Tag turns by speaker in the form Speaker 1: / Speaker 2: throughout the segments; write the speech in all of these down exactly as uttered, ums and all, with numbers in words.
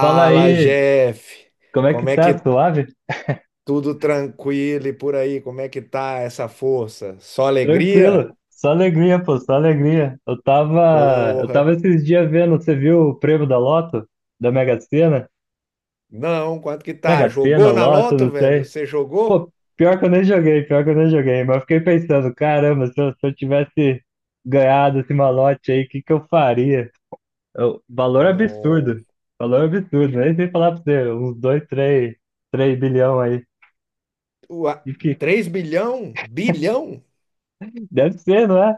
Speaker 1: Fala aí,
Speaker 2: Jeff.
Speaker 1: como é que
Speaker 2: Como é
Speaker 1: tá?
Speaker 2: que
Speaker 1: Suave?
Speaker 2: tudo tranquilo e por aí? Como é que tá essa força? Só alegria?
Speaker 1: Tranquilo. Só alegria, pô, só alegria. Eu tava, eu
Speaker 2: Porra.
Speaker 1: tava esses dias vendo, você viu o prêmio da Loto? Da Mega Sena?
Speaker 2: Não, quanto que tá?
Speaker 1: Mega Sena,
Speaker 2: Jogou na
Speaker 1: Loto,
Speaker 2: loto,
Speaker 1: não
Speaker 2: velho?
Speaker 1: sei.
Speaker 2: Você jogou?
Speaker 1: Pô, pior que eu nem joguei, pior que eu nem joguei, mas eu fiquei pensando, caramba, se eu, se eu tivesse ganhado esse malote aí, o que que eu faria? Eu- valor
Speaker 2: Não.
Speaker 1: absurdo, valor absurdo, nem sei falar pra você, uns dois três três bilhão aí.
Speaker 2: Ua,
Speaker 1: E que,
Speaker 2: três bilhão? Bilhão?
Speaker 1: deve ser, não é?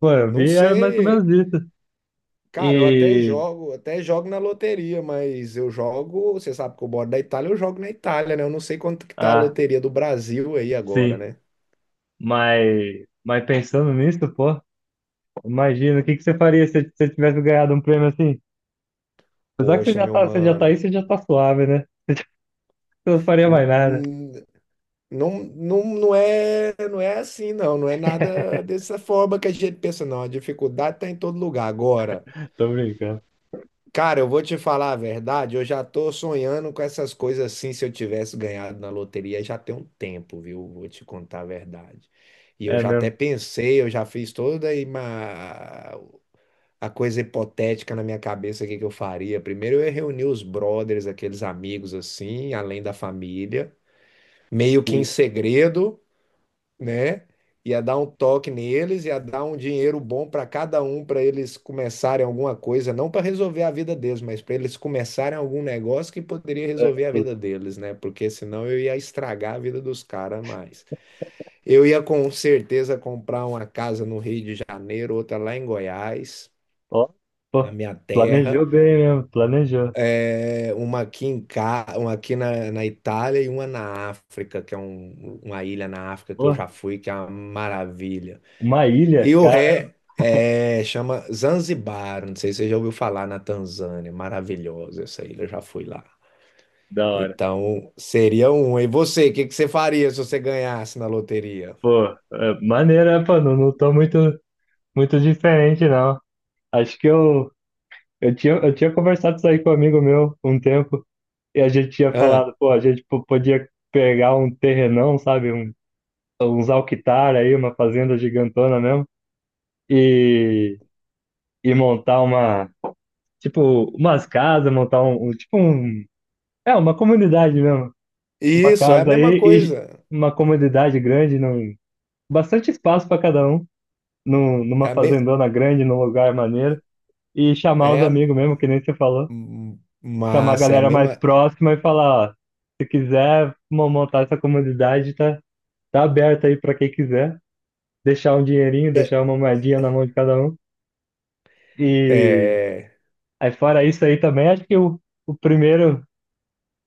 Speaker 1: Pô, eu
Speaker 2: Não
Speaker 1: vi, era mais ou menos
Speaker 2: sei.
Speaker 1: isso.
Speaker 2: Cara, eu até
Speaker 1: E
Speaker 2: jogo, até jogo na loteria, mas eu jogo, você sabe que eu moro da Itália, eu jogo na Itália, né? Eu não sei quanto que tá a
Speaker 1: ah,
Speaker 2: loteria do Brasil aí agora,
Speaker 1: sim.
Speaker 2: né?
Speaker 1: Mas, mas pensando nisso, pô, imagina o que que você faria se você tivesse ganhado um prêmio assim? Apesar que você
Speaker 2: Poxa,
Speaker 1: já
Speaker 2: meu
Speaker 1: tá, você já tá
Speaker 2: mano.
Speaker 1: aí, você já tá suave, né? Você não faria mais nada.
Speaker 2: Não, não, não é, não é assim, não. Não é nada dessa forma que a gente pensa, não. A dificuldade tá em todo lugar. Agora,
Speaker 1: Tô brincando.
Speaker 2: cara, eu vou te falar a verdade, eu já tô sonhando com essas coisas assim. Se eu tivesse ganhado na loteria, já tem um tempo, viu? Vou te contar a verdade. E eu
Speaker 1: É
Speaker 2: já
Speaker 1: mesmo.
Speaker 2: até pensei, eu já fiz toda a ima- a coisa hipotética na minha cabeça, o que que eu faria. Primeiro eu ia reunir os brothers, aqueles amigos assim, além da família, meio que em
Speaker 1: Sim.
Speaker 2: segredo, né? Ia dar um toque neles, ia dar um dinheiro bom para cada um, para eles começarem alguma coisa, não para resolver a vida deles, mas para eles começarem algum negócio que poderia
Speaker 1: É,
Speaker 2: resolver a
Speaker 1: tô-
Speaker 2: vida deles, né? Porque senão eu ia estragar a vida dos caras mais. Eu ia com certeza comprar uma casa no Rio de Janeiro, outra lá em Goiás,
Speaker 1: ó,
Speaker 2: na
Speaker 1: pô,
Speaker 2: minha
Speaker 1: planejou
Speaker 2: terra,
Speaker 1: bem mesmo, planejou.
Speaker 2: é, uma aqui em Ca... uma aqui na, na Itália e uma na África, que é um- uma ilha na África que eu
Speaker 1: Pô,
Speaker 2: já fui, que é uma maravilha.
Speaker 1: uma ilha,
Speaker 2: E o
Speaker 1: cara,
Speaker 2: ré é, chama Zanzibar, não sei se você já ouviu falar na Tanzânia, maravilhosa essa ilha, eu já fui lá.
Speaker 1: da hora.
Speaker 2: Então, seria um. E você, o que que você faria se você ganhasse na loteria?
Speaker 1: Pô, é, maneira, pô, não, não tô muito, muito diferente, não. Acho que eu, eu tinha, eu tinha conversado isso aí com um amigo meu um tempo. E a gente tinha
Speaker 2: Ah,
Speaker 1: falado, pô, a gente po- podia pegar um terrenão, sabe? Um, uns alquitar aí, uma fazenda gigantona mesmo, e, e montar uma, tipo, umas casas, montar um, um- tipo um, é, uma comunidade mesmo. Uma
Speaker 2: isso, é a
Speaker 1: casa
Speaker 2: mesma
Speaker 1: aí e
Speaker 2: coisa.
Speaker 1: uma comunidade grande, num, bastante espaço para cada um, num,
Speaker 2: É
Speaker 1: numa
Speaker 2: a me...
Speaker 1: fazendona grande, num lugar maneiro, e chamar os
Speaker 2: é a...
Speaker 1: amigos mesmo, que nem você falou,
Speaker 2: hum,
Speaker 1: chamar a
Speaker 2: Massa. É a
Speaker 1: galera mais
Speaker 2: mesma...
Speaker 1: próxima e falar, ó, se quiser mo- montar essa comunidade, tá? Tá aberto aí para quem quiser. Deixar um dinheirinho,
Speaker 2: É...
Speaker 1: deixar uma moedinha na mão de cada um. E
Speaker 2: é-
Speaker 1: aí fora isso aí também, acho que o, o primeiro,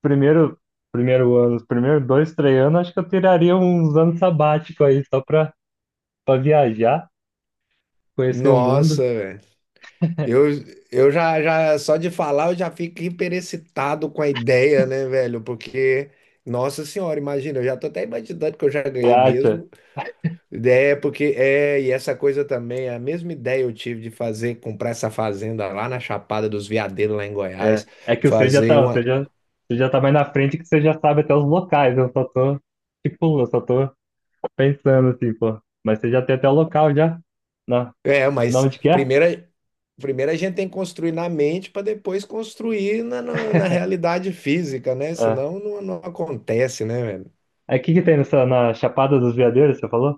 Speaker 1: primeiro, primeiro ano, os primeiros dois, três anos, acho que eu tiraria uns anos sabático aí só para para viajar, conhecer o
Speaker 2: Nossa,
Speaker 1: mundo.
Speaker 2: Eu, eu já, já, só de falar, eu já fico hiperexcitado com a ideia, né, velho? Porque, nossa senhora, imagina, eu já tô até imaginando que eu já
Speaker 1: Você
Speaker 2: ganhei
Speaker 1: acha?
Speaker 2: mesmo. É, porque, é, e essa coisa também, é a mesma ideia eu tive de fazer, comprar essa fazenda lá na Chapada dos Veadeiros, lá em
Speaker 1: É,
Speaker 2: Goiás,
Speaker 1: é que você já
Speaker 2: fazer
Speaker 1: tá, você
Speaker 2: uma.
Speaker 1: já, você já tá mais na frente que você já sabe até os locais. Eu só tô, tipo, eu só tô pensando assim, pô. Mas você já tem até o local já? Na,
Speaker 2: É,
Speaker 1: na
Speaker 2: mas
Speaker 1: onde que é?
Speaker 2: primeiro, primeiro a gente tem que construir na mente para depois construir na, na, na realidade física, né?
Speaker 1: É.
Speaker 2: Senão não, não acontece, né, velho?
Speaker 1: Aí o que que tem nessa, na Chapada dos Veadeiros, você falou?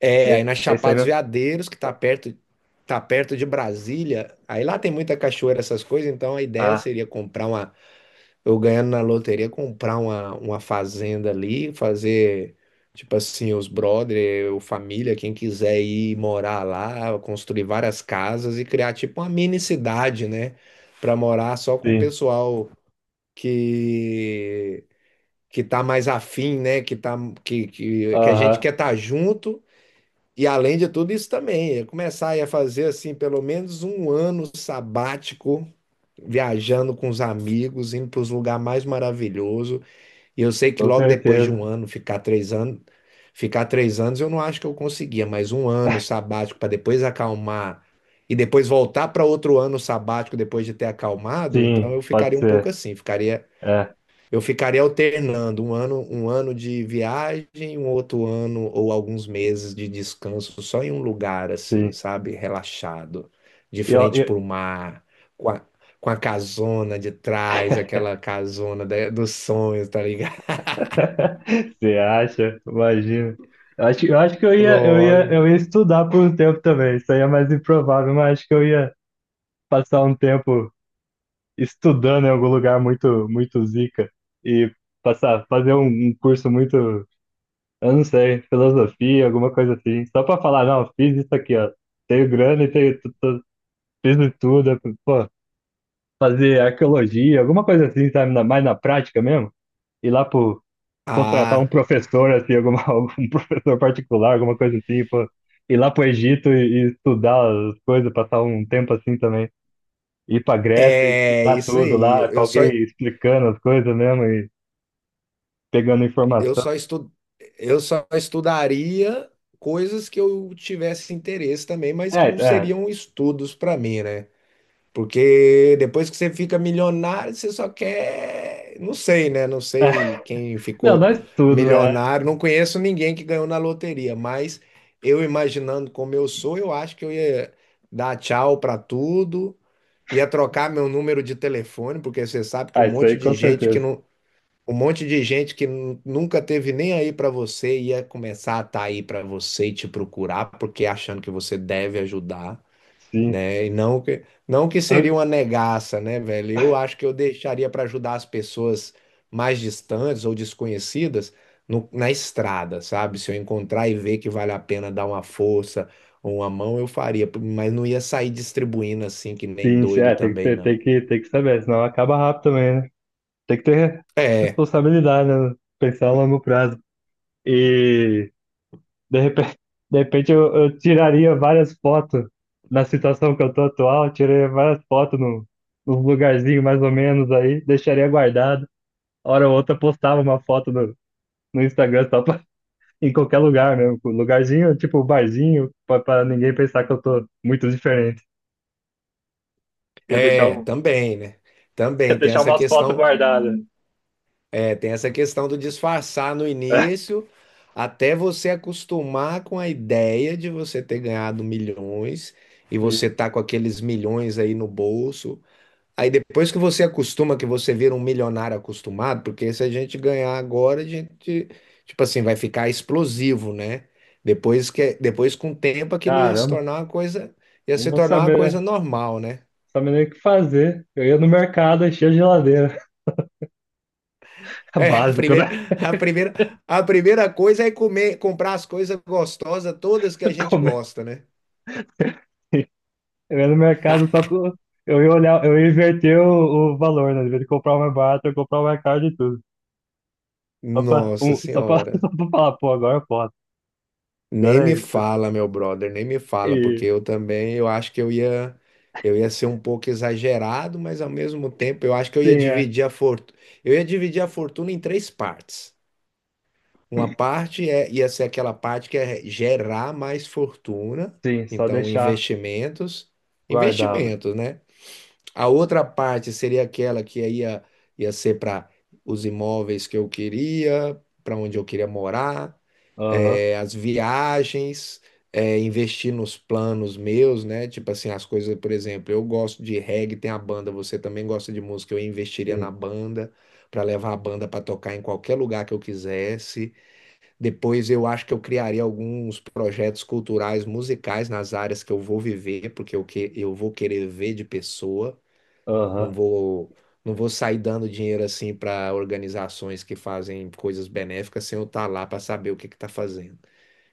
Speaker 2: É,
Speaker 1: É,
Speaker 2: aí na
Speaker 1: é isso aí
Speaker 2: Chapada dos
Speaker 1: mesmo?
Speaker 2: Veadeiros, que tá perto, tá perto de Brasília, aí lá tem muita cachoeira, essas coisas, então a ideia
Speaker 1: Ah,
Speaker 2: seria comprar uma, eu ganhando na loteria, comprar uma, uma fazenda ali, fazer, tipo assim, os brother, ou família, quem quiser ir morar lá, construir várias casas e criar tipo uma mini cidade, né, para morar só com o
Speaker 1: sim.
Speaker 2: pessoal que que tá mais afim, né, que tá que que, que a gente
Speaker 1: Aham,
Speaker 2: quer estar junto. E além de tudo isso também, eu começar aí a fazer assim pelo menos um ano sabático, viajando com os amigos, indo para os lugares mais maravilhosos. E eu sei que
Speaker 1: com
Speaker 2: logo depois de um
Speaker 1: certeza.
Speaker 2: ano, ficar três anos, ficar três anos, eu não acho que eu conseguia, mas um ano sabático para depois acalmar e depois voltar para outro ano sabático depois de ter acalmado, então
Speaker 1: Sim,
Speaker 2: eu
Speaker 1: pode
Speaker 2: ficaria um pouco
Speaker 1: ser.
Speaker 2: assim, ficaria
Speaker 1: É,
Speaker 2: eu ficaria alternando um ano, um ano de viagem, um outro ano ou alguns meses de descanso só em um lugar assim,
Speaker 1: sim.
Speaker 2: sabe? Relaxado, de
Speaker 1: E Eu,
Speaker 2: frente
Speaker 1: eu...
Speaker 2: para o mar, com a, com a casona de trás, aquela casona da- dos sonhos, tá ligado?
Speaker 1: Você acha? Imagina. Eu acho, eu acho que eu ia, eu ia,
Speaker 2: Lógico.
Speaker 1: eu ia estudar por um tempo também. Isso aí é mais improvável, mas acho que eu ia passar um tempo estudando em algum lugar muito, muito zica e passar, fazer um, um curso muito. Eu não sei, filosofia, alguma coisa assim. Só pra falar, não, fiz isso aqui, ó. Tenho grana e tenho, tu- tu- fiz de tudo. Pô, fazer arqueologia, alguma coisa assim, sabe? na- Mais na prática mesmo. Ir lá pro, Contratar um
Speaker 2: Ah,
Speaker 1: professor, assim, alguma, um professor particular, alguma coisa assim, pô. Ir lá pro Egito e, e estudar as coisas, passar um tempo assim também. Ir pra Grécia e
Speaker 2: é
Speaker 1: estudar
Speaker 2: isso
Speaker 1: tudo
Speaker 2: aí.
Speaker 1: lá, com
Speaker 2: Eu só
Speaker 1: alguém explicando as coisas mesmo e pegando
Speaker 2: eu
Speaker 1: informação.
Speaker 2: só estu, eu só estudaria coisas que eu tivesse interesse também, mas
Speaker 1: É,
Speaker 2: que não
Speaker 1: é.
Speaker 2: seriam estudos para mim, né? Porque depois que você fica milionário, você só quer. Não sei, né? Não
Speaker 1: É.
Speaker 2: sei quem
Speaker 1: Não,
Speaker 2: ficou
Speaker 1: não é tudo, né?
Speaker 2: milionário. Não conheço ninguém que ganhou na loteria, mas eu imaginando como eu sou, eu acho que eu ia dar tchau para tudo, ia trocar meu número de telefone, porque você sabe que um
Speaker 1: Ah, isso
Speaker 2: monte
Speaker 1: aí com
Speaker 2: de gente que
Speaker 1: certeza.
Speaker 2: não. Um monte de gente que nu- nunca teve nem aí para você ia começar a estar aí para você e te procurar, porque achando que você deve ajudar,
Speaker 1: Sim.
Speaker 2: né? E não que, não que
Speaker 1: Ah,
Speaker 2: seria uma negaça, né, velho? Eu acho que eu deixaria para ajudar as pessoas mais distantes ou desconhecidas no- na estrada, sabe? Se eu encontrar e ver que vale a pena dar uma força ou uma mão, eu faria, mas não ia sair distribuindo assim que nem
Speaker 1: sim, sim.
Speaker 2: doido
Speaker 1: É, tem que
Speaker 2: também,
Speaker 1: ter,
Speaker 2: não.
Speaker 1: tem que, tem que saber, senão acaba rápido também, né? Tem que ter
Speaker 2: É,
Speaker 1: responsabilidade, né? Pensar a longo prazo. E de repente, de repente eu, eu tiraria várias fotos na situação que eu tô atual, eu tiraria várias fotos no, nos lugarzinho mais ou menos aí, deixaria guardado. Hora ou outra postava uma foto no, no Instagram só pra, em qualquer lugar mesmo. Com lugarzinho, tipo barzinho, pra, pra ninguém pensar que eu tô muito diferente. Eu
Speaker 2: é,
Speaker 1: deixava
Speaker 2: também, né?
Speaker 1: Quer
Speaker 2: Também tem
Speaker 1: deixar
Speaker 2: essa
Speaker 1: umas fotos
Speaker 2: questão.
Speaker 1: guardadas.
Speaker 2: É, tem essa questão do disfarçar no início, até você acostumar com a ideia de você ter ganhado milhões e você tá com aqueles milhões aí no bolso. Aí depois que você acostuma, que você vira um milionário acostumado, porque se a gente ganhar agora, a gente, tipo assim, vai ficar explosivo, né? Depois que, depois com o tempo, aquilo ia se
Speaker 1: Caramba,
Speaker 2: tornar uma coisa, ia
Speaker 1: não
Speaker 2: se
Speaker 1: vou
Speaker 2: tornar uma coisa
Speaker 1: saber,
Speaker 2: normal, né?
Speaker 1: saber nem o que fazer. Eu ia no mercado, enchia a geladeira.
Speaker 2: É, a
Speaker 1: Básico,
Speaker 2: primeira,
Speaker 1: né?
Speaker 2: a primeira, a primeira coisa é comer, comprar as coisas gostosas, todas que a gente
Speaker 1: Como é?
Speaker 2: gosta, né?
Speaker 1: Eu ia no mercado só com. Eu ia olhar, eu ia inverter o, o valor, né? Em vez de comprar o mais barato, eu ia comprar o mais caro de tudo. Só pra,
Speaker 2: Nossa
Speaker 1: um, só pra,
Speaker 2: Senhora.
Speaker 1: Só pra falar, pô, agora pode,
Speaker 2: Nem
Speaker 1: agora
Speaker 2: me
Speaker 1: é isso.
Speaker 2: fala, meu brother, nem me fala, porque
Speaker 1: E
Speaker 2: eu também, eu acho que eu ia, eu ia ser um pouco exagerado, mas ao mesmo tempo eu acho que eu ia
Speaker 1: sim, é.
Speaker 2: dividir a fortuna, eu ia dividir a fortuna em três partes. Uma parte é, ia ser aquela parte que é gerar mais fortuna,
Speaker 1: Sim, só
Speaker 2: então
Speaker 1: deixar
Speaker 2: investimentos,
Speaker 1: guardado.
Speaker 2: investimentos, né? A outra parte seria aquela que aí ia, ia ser para os imóveis que eu queria, para onde eu queria morar,
Speaker 1: Aham,
Speaker 2: eh, as viagens, eh, investir nos planos meus, né? Tipo assim, as coisas, por exemplo, eu gosto de reggae, tem a banda, você também gosta de música, eu investiria na
Speaker 1: sim.
Speaker 2: banda. Para levar a banda para tocar em qualquer lugar que eu quisesse. Depois eu acho que eu criaria alguns projetos culturais, musicais nas áreas que eu vou viver, porque eu, que, eu vou querer ver de pessoa. Não
Speaker 1: Aham,
Speaker 2: vou, não vou sair dando dinheiro assim para organizações que fazem coisas benéficas sem eu estar lá para saber o que que está fazendo.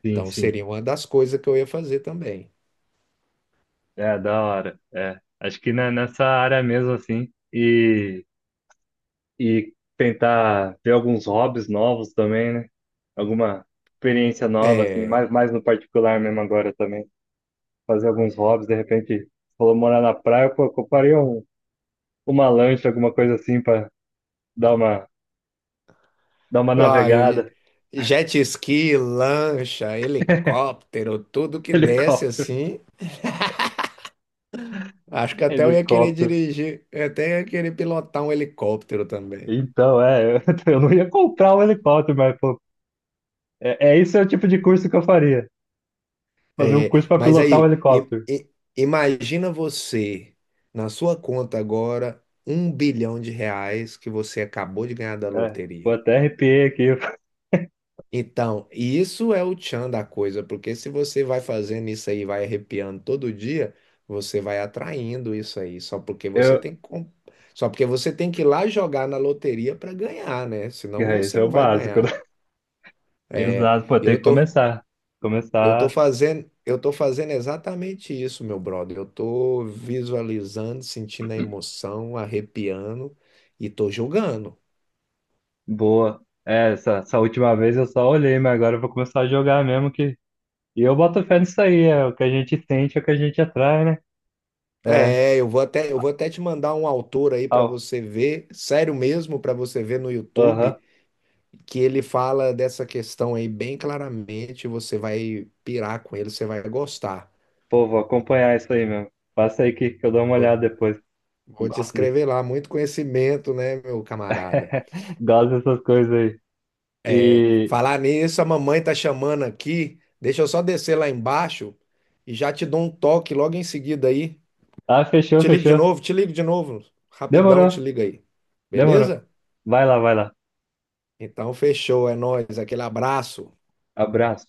Speaker 1: sim,
Speaker 2: Então
Speaker 1: sim.
Speaker 2: seria uma das coisas que eu ia fazer também.
Speaker 1: É, da hora. É. Acho que na- nessa área mesmo, assim. E, e tentar ver alguns hobbies novos também, né? Alguma experiência nova, assim,
Speaker 2: É,
Speaker 1: mais, mais no particular mesmo agora também. Fazer alguns hobbies, de repente, você falou morar na praia, pô, compraria um, uma lancha, alguma coisa assim, pra dar uma, dar uma
Speaker 2: ah, eu-
Speaker 1: navegada.
Speaker 2: jet ski, lancha, helicóptero, tudo que desce
Speaker 1: Helicóptero,
Speaker 2: assim. Acho que até eu ia querer
Speaker 1: helicóptero.
Speaker 2: dirigir, eu até ia querer pilotar um helicóptero também.
Speaker 1: Então, é, eu, eu não ia comprar um helicóptero, mas, pô, é, é esse é o tipo de curso que eu faria. Fazer um
Speaker 2: É,
Speaker 1: curso para
Speaker 2: mas
Speaker 1: pilotar um
Speaker 2: aí, i-
Speaker 1: helicóptero.
Speaker 2: i- imagina você na sua conta agora um bilhão de reais que você acabou de ganhar da
Speaker 1: É, pô,
Speaker 2: loteria.
Speaker 1: até arrepiei aqui.
Speaker 2: Então, isso é o tchan da coisa, porque se você vai fazendo isso aí, vai arrepiando todo dia, você vai atraindo isso aí, só porque você
Speaker 1: Eu,
Speaker 2: tem que, com- só porque você tem que ir lá jogar na loteria para ganhar, né? Senão
Speaker 1: é, isso
Speaker 2: você
Speaker 1: é o
Speaker 2: não vai
Speaker 1: básico, né?
Speaker 2: ganhar. É,
Speaker 1: Exato, pô, tem que
Speaker 2: eu tô
Speaker 1: começar.
Speaker 2: Eu tô
Speaker 1: Começar
Speaker 2: fazendo, eu tô fazendo exatamente isso, meu brother. Eu tô visualizando, sentindo a emoção, arrepiando e tô julgando.
Speaker 1: boa. É, essa, essa última vez eu só olhei, mas agora eu vou começar a jogar mesmo que. E eu boto fé nisso aí, é o que a gente sente, é o que a gente atrai, né? É,
Speaker 2: É, eu vou até, eu vou até te mandar um autor aí para
Speaker 1: au,
Speaker 2: você ver, sério mesmo, para você ver no
Speaker 1: aham.
Speaker 2: YouTube, que ele fala dessa questão aí bem claramente. Você vai pirar com ele, você vai gostar.
Speaker 1: Pô, vou acompanhar isso aí mesmo. Passa aí que, que eu dou uma
Speaker 2: Vou,
Speaker 1: olhada depois. Eu
Speaker 2: vou te
Speaker 1: Gosto de.
Speaker 2: escrever lá, muito conhecimento, né, meu camarada?
Speaker 1: Gosto dessas coisas aí. E.
Speaker 2: Falar nisso, a mamãe tá chamando aqui. Deixa eu só descer lá embaixo e já te dou um toque logo em seguida aí.
Speaker 1: Ah, fechou,
Speaker 2: Te ligo de
Speaker 1: fechou.
Speaker 2: novo, te ligo de novo. Rapidão, eu
Speaker 1: Demorou,
Speaker 2: te ligo aí.
Speaker 1: demorou.
Speaker 2: Beleza?
Speaker 1: Vai lá, vai lá.
Speaker 2: Então, fechou, é nóis. Aquele abraço.
Speaker 1: Abraço.